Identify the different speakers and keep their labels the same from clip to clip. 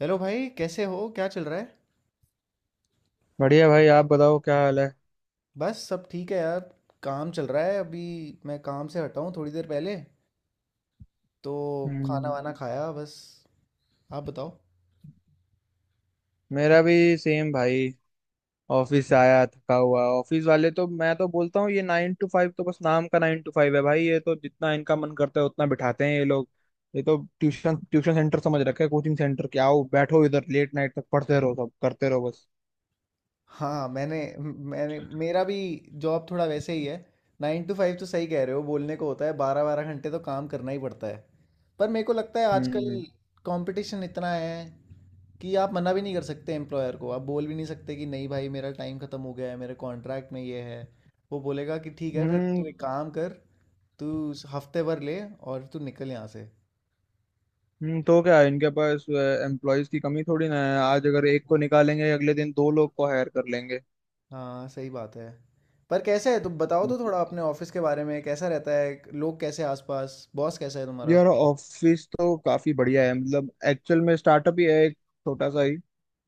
Speaker 1: Hello भाई कैसे हो क्या चल रहा है।
Speaker 2: बढ़िया भाई, आप बताओ क्या हाल है।
Speaker 1: बस सब ठीक है यार। काम चल रहा है अभी। मैं काम से हटा हूँ थोड़ी देर पहले तो खाना
Speaker 2: हम्म।
Speaker 1: वाना खाया बस। आप बताओ।
Speaker 2: मेरा भी सेम भाई। ऑफिस से आया थका हुआ। ऑफिस वाले, तो मैं तो बोलता हूँ ये 9 to 5 तो बस नाम का 9 to 5 है भाई। ये तो जितना इनका मन करता है उतना बिठाते हैं ये लोग। ये तो ट्यूशन ट्यूशन सेंटर समझ रखे, कोचिंग सेंटर के। आओ बैठो इधर, लेट नाइट तक पढ़ते रहो, सब करते रहो बस।
Speaker 1: हाँ मैंने मैंने मेरा भी जॉब थोड़ा वैसे ही है। 9 to 5 तो सही कह रहे हो बोलने को होता है 12 12 घंटे तो काम करना ही पड़ता है। पर मेरे को लगता है आजकल
Speaker 2: हम्म।
Speaker 1: कंपटीशन इतना है कि आप मना भी नहीं कर सकते एम्प्लॉयर को। आप बोल भी नहीं सकते कि नहीं भाई मेरा टाइम ख़त्म हो गया है मेरे कॉन्ट्रैक्ट में ये है। वो बोलेगा कि ठीक है फिर
Speaker 2: हम्म।
Speaker 1: तू एक काम कर तू हफ्ते भर ले और तू निकल यहाँ से।
Speaker 2: तो क्या है, इनके पास एम्प्लॉयज की कमी थोड़ी ना है। आज अगर एक को निकालेंगे अगले दिन दो लोग को हायर कर लेंगे।
Speaker 1: हाँ सही बात है। पर कैसे है तुम बताओ तो थोड़ा अपने ऑफिस के बारे में कैसा रहता है लोग कैसे हैं आसपास बॉस कैसा है तुम्हारा।
Speaker 2: यार, ऑफिस तो काफी बढ़िया है। मतलब एक्चुअल में स्टार्टअप ही है एक, छोटा सा ही।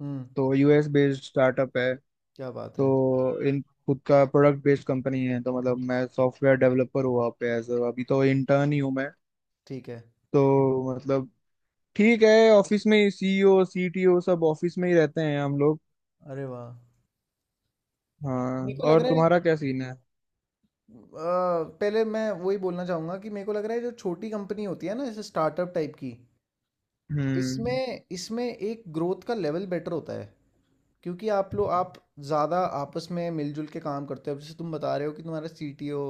Speaker 1: हम्म।
Speaker 2: तो यूएस बेस्ड स्टार्टअप है।
Speaker 1: क्या बात है।
Speaker 2: तो इन खुद का प्रोडक्ट बेस्ड कंपनी है। तो मतलब मैं सॉफ्टवेयर डेवलपर हूँ वहाँ पे, एज अभी तो इंटर्न ही हूँ मैं।
Speaker 1: ठीक है।
Speaker 2: तो मतलब ठीक है, ऑफिस में सीईओ सीटीओ सब ऑफिस में ही रहते हैं हम लोग।
Speaker 1: अरे वाह। मेरे
Speaker 2: हाँ,
Speaker 1: को लग
Speaker 2: और
Speaker 1: रहा है
Speaker 2: तुम्हारा क्या सीन है?
Speaker 1: पहले मैं वही बोलना चाहूँगा कि मेरे को लग रहा है जो छोटी कंपनी होती है ना जैसे स्टार्टअप टाइप की।
Speaker 2: हम्म।
Speaker 1: इसमें इसमें एक ग्रोथ का लेवल बेटर होता है। क्योंकि आप लोग आप ज़्यादा आपस में मिलजुल के काम करते हो। अब जैसे तुम बता रहे हो कि तुम्हारा सीटीओ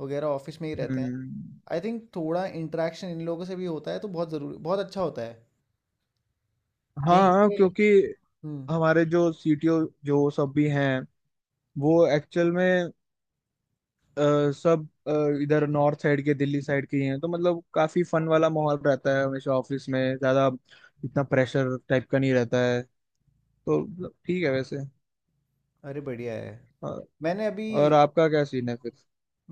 Speaker 1: वगैरह ऑफिस में ही रहते हैं।
Speaker 2: हम्म।
Speaker 1: आई थिंक थोड़ा इंटरेक्शन इन लोगों से भी होता है तो बहुत ज़रूरी बहुत अच्छा होता है यहीं
Speaker 2: हाँ
Speaker 1: पे।
Speaker 2: क्योंकि
Speaker 1: हम्म।
Speaker 2: हमारे जो सीटीओ, जो सब भी हैं, वो एक्चुअल में अ, सब इधर नॉर्थ साइड के, दिल्ली साइड के ही हैं। तो मतलब काफी फन वाला माहौल रहता है हमेशा ऑफिस में। ज्यादा इतना प्रेशर टाइप का नहीं रहता है। तो मतलब ठीक है वैसे।
Speaker 1: अरे बढ़िया है।
Speaker 2: और,
Speaker 1: मैंने अभी
Speaker 2: और आपका क्या सीन है फिर?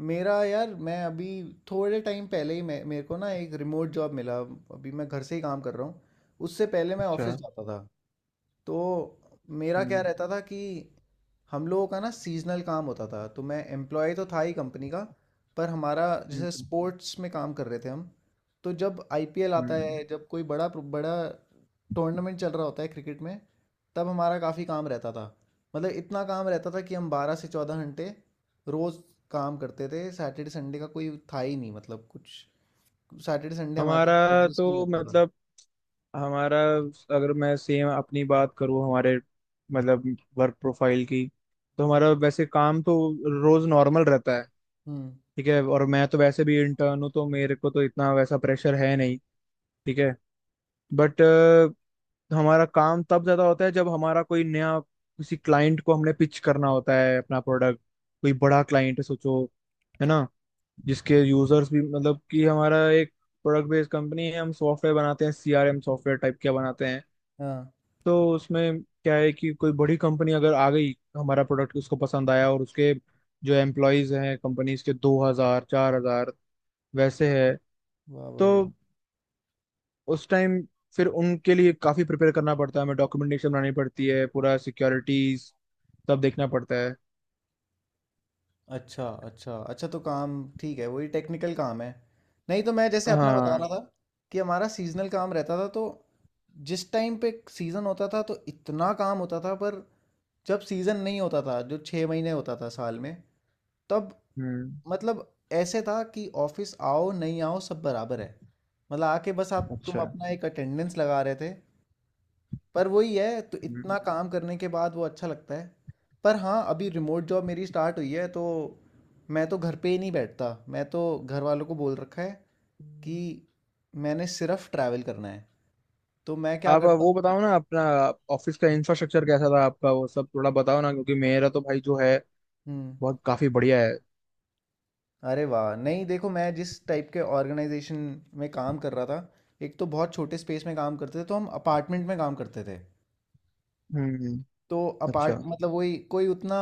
Speaker 1: मेरा यार मैं अभी थोड़े टाइम पहले ही मैं मेरे को ना एक रिमोट जॉब मिला अभी मैं घर से ही काम कर रहा हूँ। उससे पहले मैं
Speaker 2: अच्छा।
Speaker 1: ऑफिस जाता था। तो मेरा क्या
Speaker 2: हम्म।
Speaker 1: रहता था कि हम लोगों का ना सीजनल काम होता था तो मैं एम्प्लॉय तो था ही कंपनी का। पर हमारा जैसे
Speaker 2: हम्म।
Speaker 1: स्पोर्ट्स में काम कर रहे थे हम। तो जब आईपीएल आता
Speaker 2: हम्म।
Speaker 1: है जब कोई बड़ा बड़ा टूर्नामेंट चल रहा होता है क्रिकेट में तब हमारा काफ़ी काम रहता था। मतलब इतना काम रहता था कि हम 12 से 14 घंटे रोज़ काम करते थे। सैटरडे संडे का कोई था ही नहीं। मतलब कुछ सैटरडे संडे हमारे लिए
Speaker 2: हमारा
Speaker 1: एग्जिस्ट नहीं
Speaker 2: तो
Speaker 1: करता था।
Speaker 2: मतलब हमारा अगर मैं सेम अपनी बात करूँ, हमारे मतलब वर्क प्रोफाइल की, तो हमारा वैसे काम तो रोज नॉर्मल रहता है।
Speaker 1: हम्म।
Speaker 2: ठीक है, और मैं तो वैसे भी इंटर्न हूँ तो मेरे को तो इतना वैसा प्रेशर है नहीं। ठीक है, बट हमारा काम तब ज्यादा होता है जब हमारा कोई नया, किसी क्लाइंट को हमने पिच करना होता है अपना प्रोडक्ट। कोई बड़ा क्लाइंट है सोचो, है ना? जिसके यूजर्स भी, मतलब कि हमारा एक प्रोडक्ट बेस्ड कंपनी है, हम सॉफ्टवेयर बनाते हैं, सीआरएम सॉफ्टवेयर टाइप के बनाते हैं।
Speaker 1: हाँ
Speaker 2: तो उसमें क्या है कि कोई बड़ी कंपनी अगर आ गई, हमारा प्रोडक्ट उसको पसंद आया, और उसके जो एम्प्लॉयज हैं कंपनीज के, 2,000 4,000 वैसे है।
Speaker 1: वाह
Speaker 2: तो
Speaker 1: भाई।
Speaker 2: उस टाइम फिर उनके लिए काफी प्रिपेयर करना पड़ता है हमें, डॉक्यूमेंटेशन बनानी पड़ती है पूरा, सिक्योरिटीज सब देखना पड़ता है।
Speaker 1: अच्छा अच्छा अच्छा तो काम ठीक है वही टेक्निकल काम है। नहीं तो मैं जैसे अपना बता रहा,
Speaker 2: हाँ।
Speaker 1: हाँ, था कि हमारा सीजनल काम रहता था। तो जिस टाइम पे सीज़न होता था तो इतना काम होता था। पर जब सीज़न नहीं होता था जो 6 महीने होता था साल में तब
Speaker 2: हम्म।
Speaker 1: मतलब ऐसे था कि ऑफिस आओ नहीं आओ सब बराबर है। मतलब आके बस आप तुम
Speaker 2: अच्छा।
Speaker 1: अपना एक अटेंडेंस लगा रहे थे। पर वही है तो
Speaker 2: हम्म।
Speaker 1: इतना काम करने के बाद वो अच्छा लगता है। पर हाँ अभी रिमोट जॉब मेरी स्टार्ट हुई है तो मैं तो घर पे ही नहीं बैठता। मैं तो घर वालों को बोल रखा है कि मैंने सिर्फ ट्रैवल करना है। तो मैं क्या
Speaker 2: आप
Speaker 1: करता
Speaker 2: वो
Speaker 1: हूँ।
Speaker 2: बताओ ना अपना, ऑफिस का इंफ्रास्ट्रक्चर कैसा था आपका, वो सब थोड़ा बताओ ना, क्योंकि मेरा तो भाई जो है
Speaker 1: हम्म।
Speaker 2: बहुत काफी बढ़िया है।
Speaker 1: अरे वाह नहीं देखो मैं जिस टाइप के ऑर्गेनाइजेशन में काम कर रहा था एक तो बहुत छोटे स्पेस में काम करते थे तो हम अपार्टमेंट में काम करते थे।
Speaker 2: हम्म।
Speaker 1: तो अपार्ट
Speaker 2: अच्छा।
Speaker 1: मतलब वही कोई उतना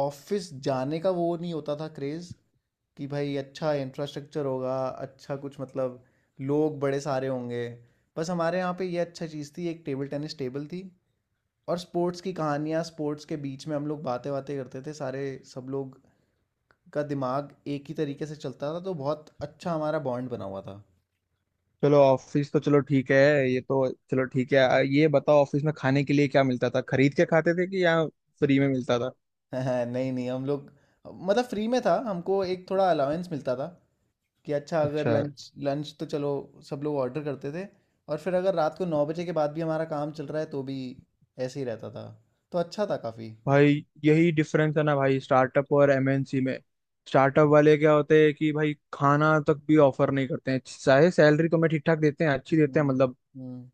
Speaker 1: ऑफिस जाने का वो नहीं होता था क्रेज़ कि भाई अच्छा इंफ्रास्ट्रक्चर होगा अच्छा कुछ मतलब लोग बड़े सारे होंगे। बस हमारे यहाँ पे ये अच्छा चीज़ थी एक टेबल टेनिस टेबल थी और स्पोर्ट्स की कहानियाँ स्पोर्ट्स के बीच में हम लोग बातें बातें करते थे सारे सब लोग का दिमाग एक ही तरीके से चलता था तो बहुत अच्छा हमारा बॉन्ड बना हुआ था।
Speaker 2: चलो ऑफिस तो चलो ठीक है, ये तो चलो ठीक है। ये बताओ ऑफिस में खाने के लिए क्या मिलता था? खरीद के खाते थे कि या फ्री में मिलता था?
Speaker 1: नहीं नहीं हम लोग मतलब फ्री में था। हमको एक थोड़ा अलाउंस मिलता था कि अच्छा अगर
Speaker 2: अच्छा।
Speaker 1: लंच लंच तो चलो सब लोग ऑर्डर करते थे। और फिर अगर रात को 9 बजे के बाद भी हमारा काम चल रहा है तो भी ऐसे ही रहता था। तो अच्छा था काफ़ी।
Speaker 2: भाई यही डिफरेंस है ना भाई, स्टार्टअप और एमएनसी में। स्टार्टअप वाले क्या होते हैं कि भाई खाना तक भी ऑफर नहीं करते हैं, चाहे सैलरी तो मैं ठीक ठाक देते हैं, अच्छी देते
Speaker 1: हम्म।
Speaker 2: हैं मतलब,
Speaker 1: हम्म।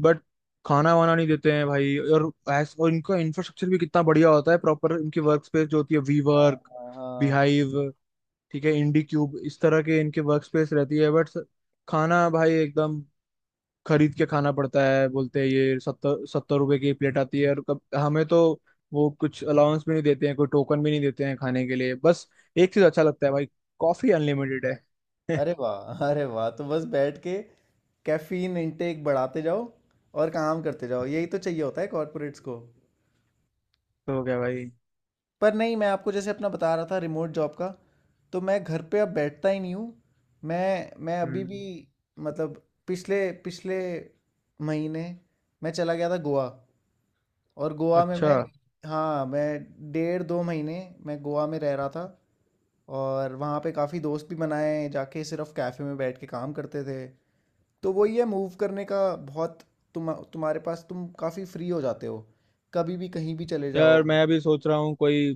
Speaker 2: बट खाना वाना नहीं देते हैं भाई। और और इनका इंफ्रास्ट्रक्चर भी कितना बढ़िया होता है प्रॉपर, इनकी वर्क स्पेस जो होती है, वी
Speaker 1: हाँ।
Speaker 2: वर्क,
Speaker 1: हाँ, हाँ।
Speaker 2: बिहाइव, ठीक है, इंडी क्यूब, इस तरह के इनके वर्क स्पेस रहती है। बट खाना भाई एकदम खरीद के खाना पड़ता है। बोलते हैं ये ₹70-₹70 की प्लेट आती है, और कब हमें तो वो कुछ अलाउंस भी नहीं देते हैं, कोई टोकन भी नहीं देते हैं खाने के लिए बस। एक चीज अच्छा लगता है भाई, कॉफी अनलिमिटेड है।
Speaker 1: अरे वाह तो बस बैठ के कैफीन इनटेक बढ़ाते जाओ और काम करते जाओ। यही तो चाहिए होता है कॉर्पोरेट्स को।
Speaker 2: तो क्या भाई।
Speaker 1: पर नहीं मैं आपको जैसे अपना बता रहा था रिमोट जॉब का। तो मैं घर पे अब बैठता ही नहीं हूँ। मैं अभी भी
Speaker 2: हम्म।
Speaker 1: मतलब पिछले पिछले महीने मैं चला गया था गोवा। और गोवा में
Speaker 2: अच्छा।
Speaker 1: मैं, हाँ, मैं 1.5 से 2 महीने मैं गोवा में रह रहा था। और वहाँ पे काफ़ी दोस्त भी बनाए जाके सिर्फ कैफ़े में बैठ के काम करते थे। तो वही है मूव करने का बहुत, तुम्हारे पास तुम काफ़ी फ्री हो जाते हो। कभी भी कहीं भी चले
Speaker 2: यार
Speaker 1: जाओ।
Speaker 2: मैं भी सोच रहा हूँ कोई,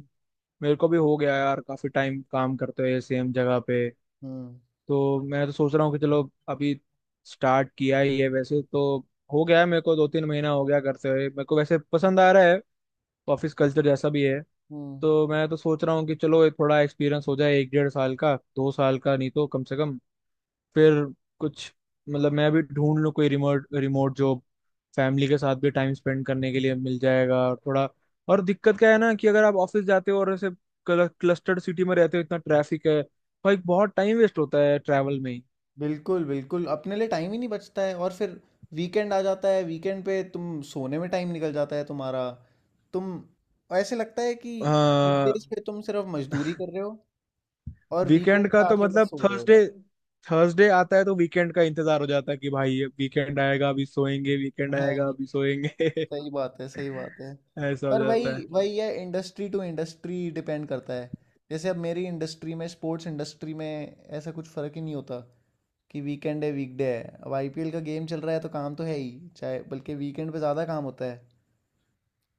Speaker 2: मेरे को भी हो गया यार काफी टाइम काम करते हुए सेम जगह पे।
Speaker 1: हम्म।
Speaker 2: तो मैं तो सोच रहा हूँ कि चलो, अभी स्टार्ट किया ही है वैसे तो, हो गया है मेरे को 2-3 महीना हो गया करते हुए। मेरे को वैसे पसंद आ रहा है, ऑफिस कल्चर जैसा भी है।
Speaker 1: हम्म।
Speaker 2: तो मैं तो सोच रहा हूँ कि चलो एक थोड़ा एक्सपीरियंस हो जाए, एक 1.5 साल का, 2 साल का, नहीं तो कम से कम, फिर कुछ मतलब मैं अभी ढूंढ लूँ कोई रिमोट रिमोट जॉब। फैमिली के साथ भी टाइम स्पेंड करने के लिए मिल जाएगा, और थोड़ा, और दिक्कत क्या है ना कि अगर आप ऑफिस जाते हो और ऐसे क्लस्टर्ड सिटी में रहते हो, इतना ट्रैफिक है भाई, बहुत टाइम वेस्ट होता है ट्रैवल में ही।
Speaker 1: बिल्कुल, बिल्कुल, अपने लिए टाइम ही नहीं बचता है। और फिर वीकेंड आ जाता है, वीकेंड पे तुम सोने में टाइम निकल जाता है तुम्हारा। तुम ऐसे लगता है कि
Speaker 2: हाँ।
Speaker 1: वीकडेज़ पे तुम सिर्फ मज़दूरी कर रहे हो और
Speaker 2: वीकेंड
Speaker 1: वीकेंड
Speaker 2: का
Speaker 1: पे
Speaker 2: तो
Speaker 1: आके बस
Speaker 2: मतलब
Speaker 1: सो रहे हो।
Speaker 2: थर्सडे, थर्सडे आता है तो वीकेंड का इंतजार हो जाता है कि भाई अब वीकेंड आएगा अभी सोएंगे, वीकेंड आएगा
Speaker 1: हैं,
Speaker 2: अभी सोएंगे।
Speaker 1: सही बात है, सही बात है।
Speaker 2: ऐसा हो
Speaker 1: पर
Speaker 2: जाता है।
Speaker 1: वही वही है इंडस्ट्री टू इंडस्ट्री डिपेंड करता है। जैसे अब मेरी इंडस्ट्री में स्पोर्ट्स इंडस्ट्री में ऐसा कुछ फ़र्क ही नहीं होता कि वीकेंड है, वीकडे है। अब आईपीएल का गेम चल रहा है तो काम तो है ही, चाहे बल्कि वीकेंड पे ज़्यादा काम होता है।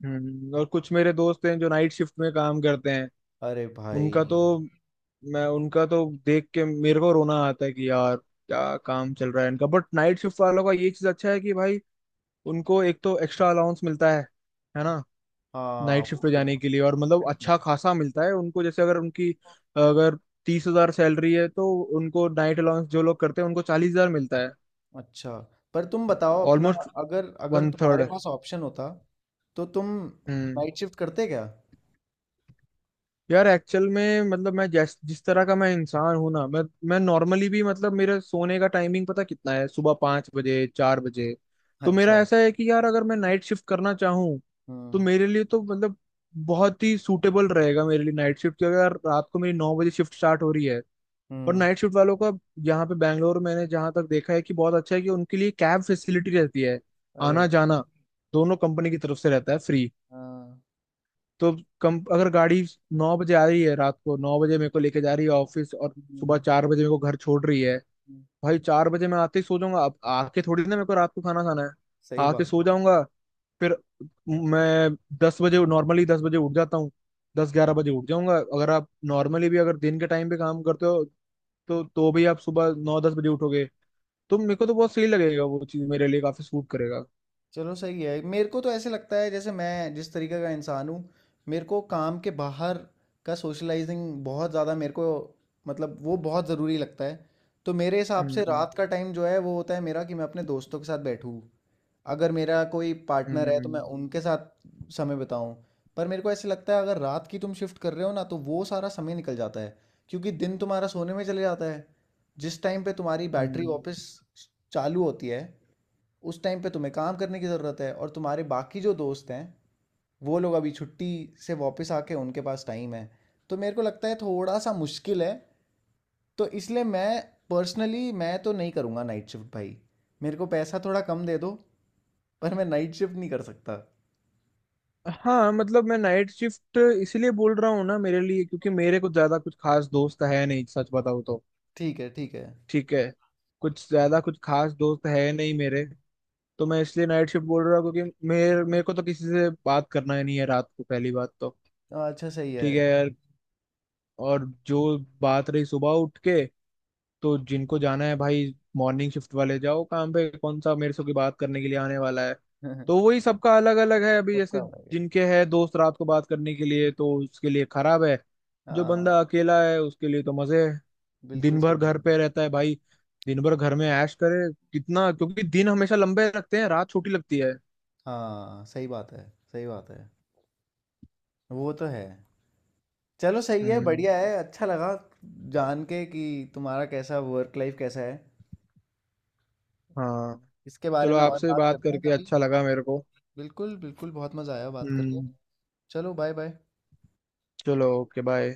Speaker 2: हम्म। और कुछ मेरे दोस्त हैं जो नाइट शिफ्ट में काम करते हैं।
Speaker 1: अरे भाई।
Speaker 2: उनका तो, मैं उनका तो देख के मेरे को रोना आता है कि यार क्या काम चल रहा है इनका। बट नाइट शिफ्ट वालों का ये चीज अच्छा है कि भाई उनको एक तो एक्स्ट्रा अलाउंस मिलता है ना,
Speaker 1: हाँ,
Speaker 2: नाइट शिफ्ट पे
Speaker 1: बढ़िया,
Speaker 2: जाने के लिए। और मतलब अच्छा खासा मिलता है उनको। जैसे अगर उनकी, अगर 30,000 सैलरी है तो उनको, नाइट अलाउंस जो लोग करते हैं उनको, 40,000 मिलता है।
Speaker 1: अच्छा। पर तुम बताओ अपना,
Speaker 2: ऑलमोस्ट
Speaker 1: अगर अगर
Speaker 2: वन
Speaker 1: तुम्हारे पास ऑप्शन होता तो तुम
Speaker 2: थर्ड
Speaker 1: नाइट शिफ्ट करते क्या।
Speaker 2: यार एक्चुअल में मतलब मैं जैस जिस तरह का मैं इंसान हूं ना, मैं नॉर्मली भी मतलब, मेरे सोने का टाइमिंग पता कितना है, सुबह 5 बजे, 4 बजे। तो मेरा
Speaker 1: अच्छा।
Speaker 2: ऐसा है कि यार, अगर मैं नाइट शिफ्ट करना चाहूँ तो
Speaker 1: हम्म।
Speaker 2: मेरे लिए तो मतलब बहुत ही सूटेबल रहेगा मेरे लिए नाइट शिफ्ट। क्योंकि अगर रात को मेरी 9 बजे शिफ्ट स्टार्ट हो रही है, और
Speaker 1: हम्म।
Speaker 2: नाइट शिफ्ट वालों का यहाँ पे बैंगलोर मैंने जहाँ तक देखा है कि बहुत अच्छा है कि उनके लिए कैब फैसिलिटी रहती है,
Speaker 1: अरे।
Speaker 2: आना जाना दोनों कंपनी की तरफ से रहता है फ्री।
Speaker 1: हाँ।
Speaker 2: तो कम, अगर गाड़ी 9 बजे आ रही है, रात को 9 बजे मेरे को लेके जा रही है ऑफिस और सुबह
Speaker 1: हम्म,
Speaker 2: 4 बजे मेरे को घर छोड़ रही है,
Speaker 1: हम्म,
Speaker 2: भाई 4 बजे मैं आते ही सो जाऊंगा। अब आके थोड़ी ना मेरे को रात को खाना खाना है।
Speaker 1: सही
Speaker 2: आके
Speaker 1: बात।
Speaker 2: सो जाऊंगा, फिर मैं 10 बजे, नॉर्मली 10 बजे उठ जाता हूँ, 10-11 बजे उठ जाऊंगा। अगर आप नॉर्मली भी अगर दिन के टाइम पे काम करते हो तो भी आप सुबह 9-10 बजे उठोगे। तो मेरे को तो बहुत सही लगेगा वो चीज़, मेरे लिए काफी सूट करेगा।
Speaker 1: चलो सही है, मेरे को तो ऐसे लगता है जैसे मैं जिस तरीके का इंसान हूँ मेरे को काम के बाहर का सोशलाइजिंग बहुत ज़्यादा मेरे को मतलब वो बहुत ज़रूरी लगता है। तो मेरे हिसाब से
Speaker 2: हम्म।
Speaker 1: रात का टाइम जो है वो होता है मेरा कि मैं अपने दोस्तों के साथ बैठूँ। अगर मेरा कोई पार्टनर है तो मैं
Speaker 2: हम्म।
Speaker 1: उनके साथ समय बिताऊं। पर मेरे को ऐसे लगता है अगर रात की तुम शिफ्ट कर रहे हो ना तो वो सारा समय निकल जाता है। क्योंकि दिन तुम्हारा सोने में चले जाता है। जिस टाइम पे तुम्हारी बैटरी
Speaker 2: हम्म।
Speaker 1: वापस चालू होती है उस टाइम पे तुम्हें काम करने की ज़रूरत है और तुम्हारे बाकी जो दोस्त हैं वो लोग अभी छुट्टी से वापस आके उनके पास टाइम है। तो मेरे को लगता है थोड़ा सा मुश्किल है। तो इसलिए मैं पर्सनली मैं तो नहीं करूँगा नाइट शिफ्ट भाई। मेरे को पैसा थोड़ा कम दे दो पर मैं नाइट शिफ्ट नहीं कर सकता।
Speaker 2: हाँ मतलब मैं नाइट शिफ्ट इसीलिए बोल रहा हूँ ना मेरे लिए, क्योंकि मेरे कुछ ज्यादा कुछ खास दोस्त है नहीं, सच बताऊँ तो।
Speaker 1: ठीक है, ठीक है।
Speaker 2: ठीक है, कुछ ज्यादा कुछ खास दोस्त है नहीं मेरे। तो मैं इसलिए नाइट शिफ्ट बोल रहा हूँ क्योंकि मेरे मेरे को तो किसी से बात करना ही नहीं है रात को, पहली बात तो।
Speaker 1: हाँ, अच्छा, सही है।
Speaker 2: ठीक है यार। और जो बात रही सुबह उठ के, तो जिनको जाना है भाई, मॉर्निंग शिफ्ट वाले जाओ काम पे, कौन सा मेरे से कोई बात करने के लिए आने वाला है। तो वही सबका अलग अलग है। अभी
Speaker 1: सबका
Speaker 2: जैसे
Speaker 1: अलग है।
Speaker 2: जिनके है दोस्त रात को बात करने के लिए तो उसके लिए खराब है। जो
Speaker 1: हाँ।
Speaker 2: बंदा अकेला है उसके लिए तो मजे है।
Speaker 1: बिल्कुल
Speaker 2: दिन भर
Speaker 1: सही
Speaker 2: घर
Speaker 1: है।
Speaker 2: पे रहता है भाई, दिन भर घर में ऐश करे कितना, क्योंकि दिन हमेशा लंबे लगते हैं, रात छोटी लगती है।
Speaker 1: हाँ, सही बात है। सही बात है। वो तो है। चलो सही है,
Speaker 2: हम्म।
Speaker 1: बढ़िया है, अच्छा लगा जान के कि तुम्हारा कैसा वर्क लाइफ कैसा है।
Speaker 2: हाँ।
Speaker 1: इसके बारे
Speaker 2: चलो
Speaker 1: में और
Speaker 2: आपसे
Speaker 1: बात
Speaker 2: बात
Speaker 1: करते हैं
Speaker 2: करके
Speaker 1: कभी।
Speaker 2: अच्छा लगा मेरे को।
Speaker 1: बिल्कुल, बिल्कुल, बहुत मज़ा आया बात करके।
Speaker 2: हम्म।
Speaker 1: चलो बाय बाय।
Speaker 2: चलो ओके, बाय।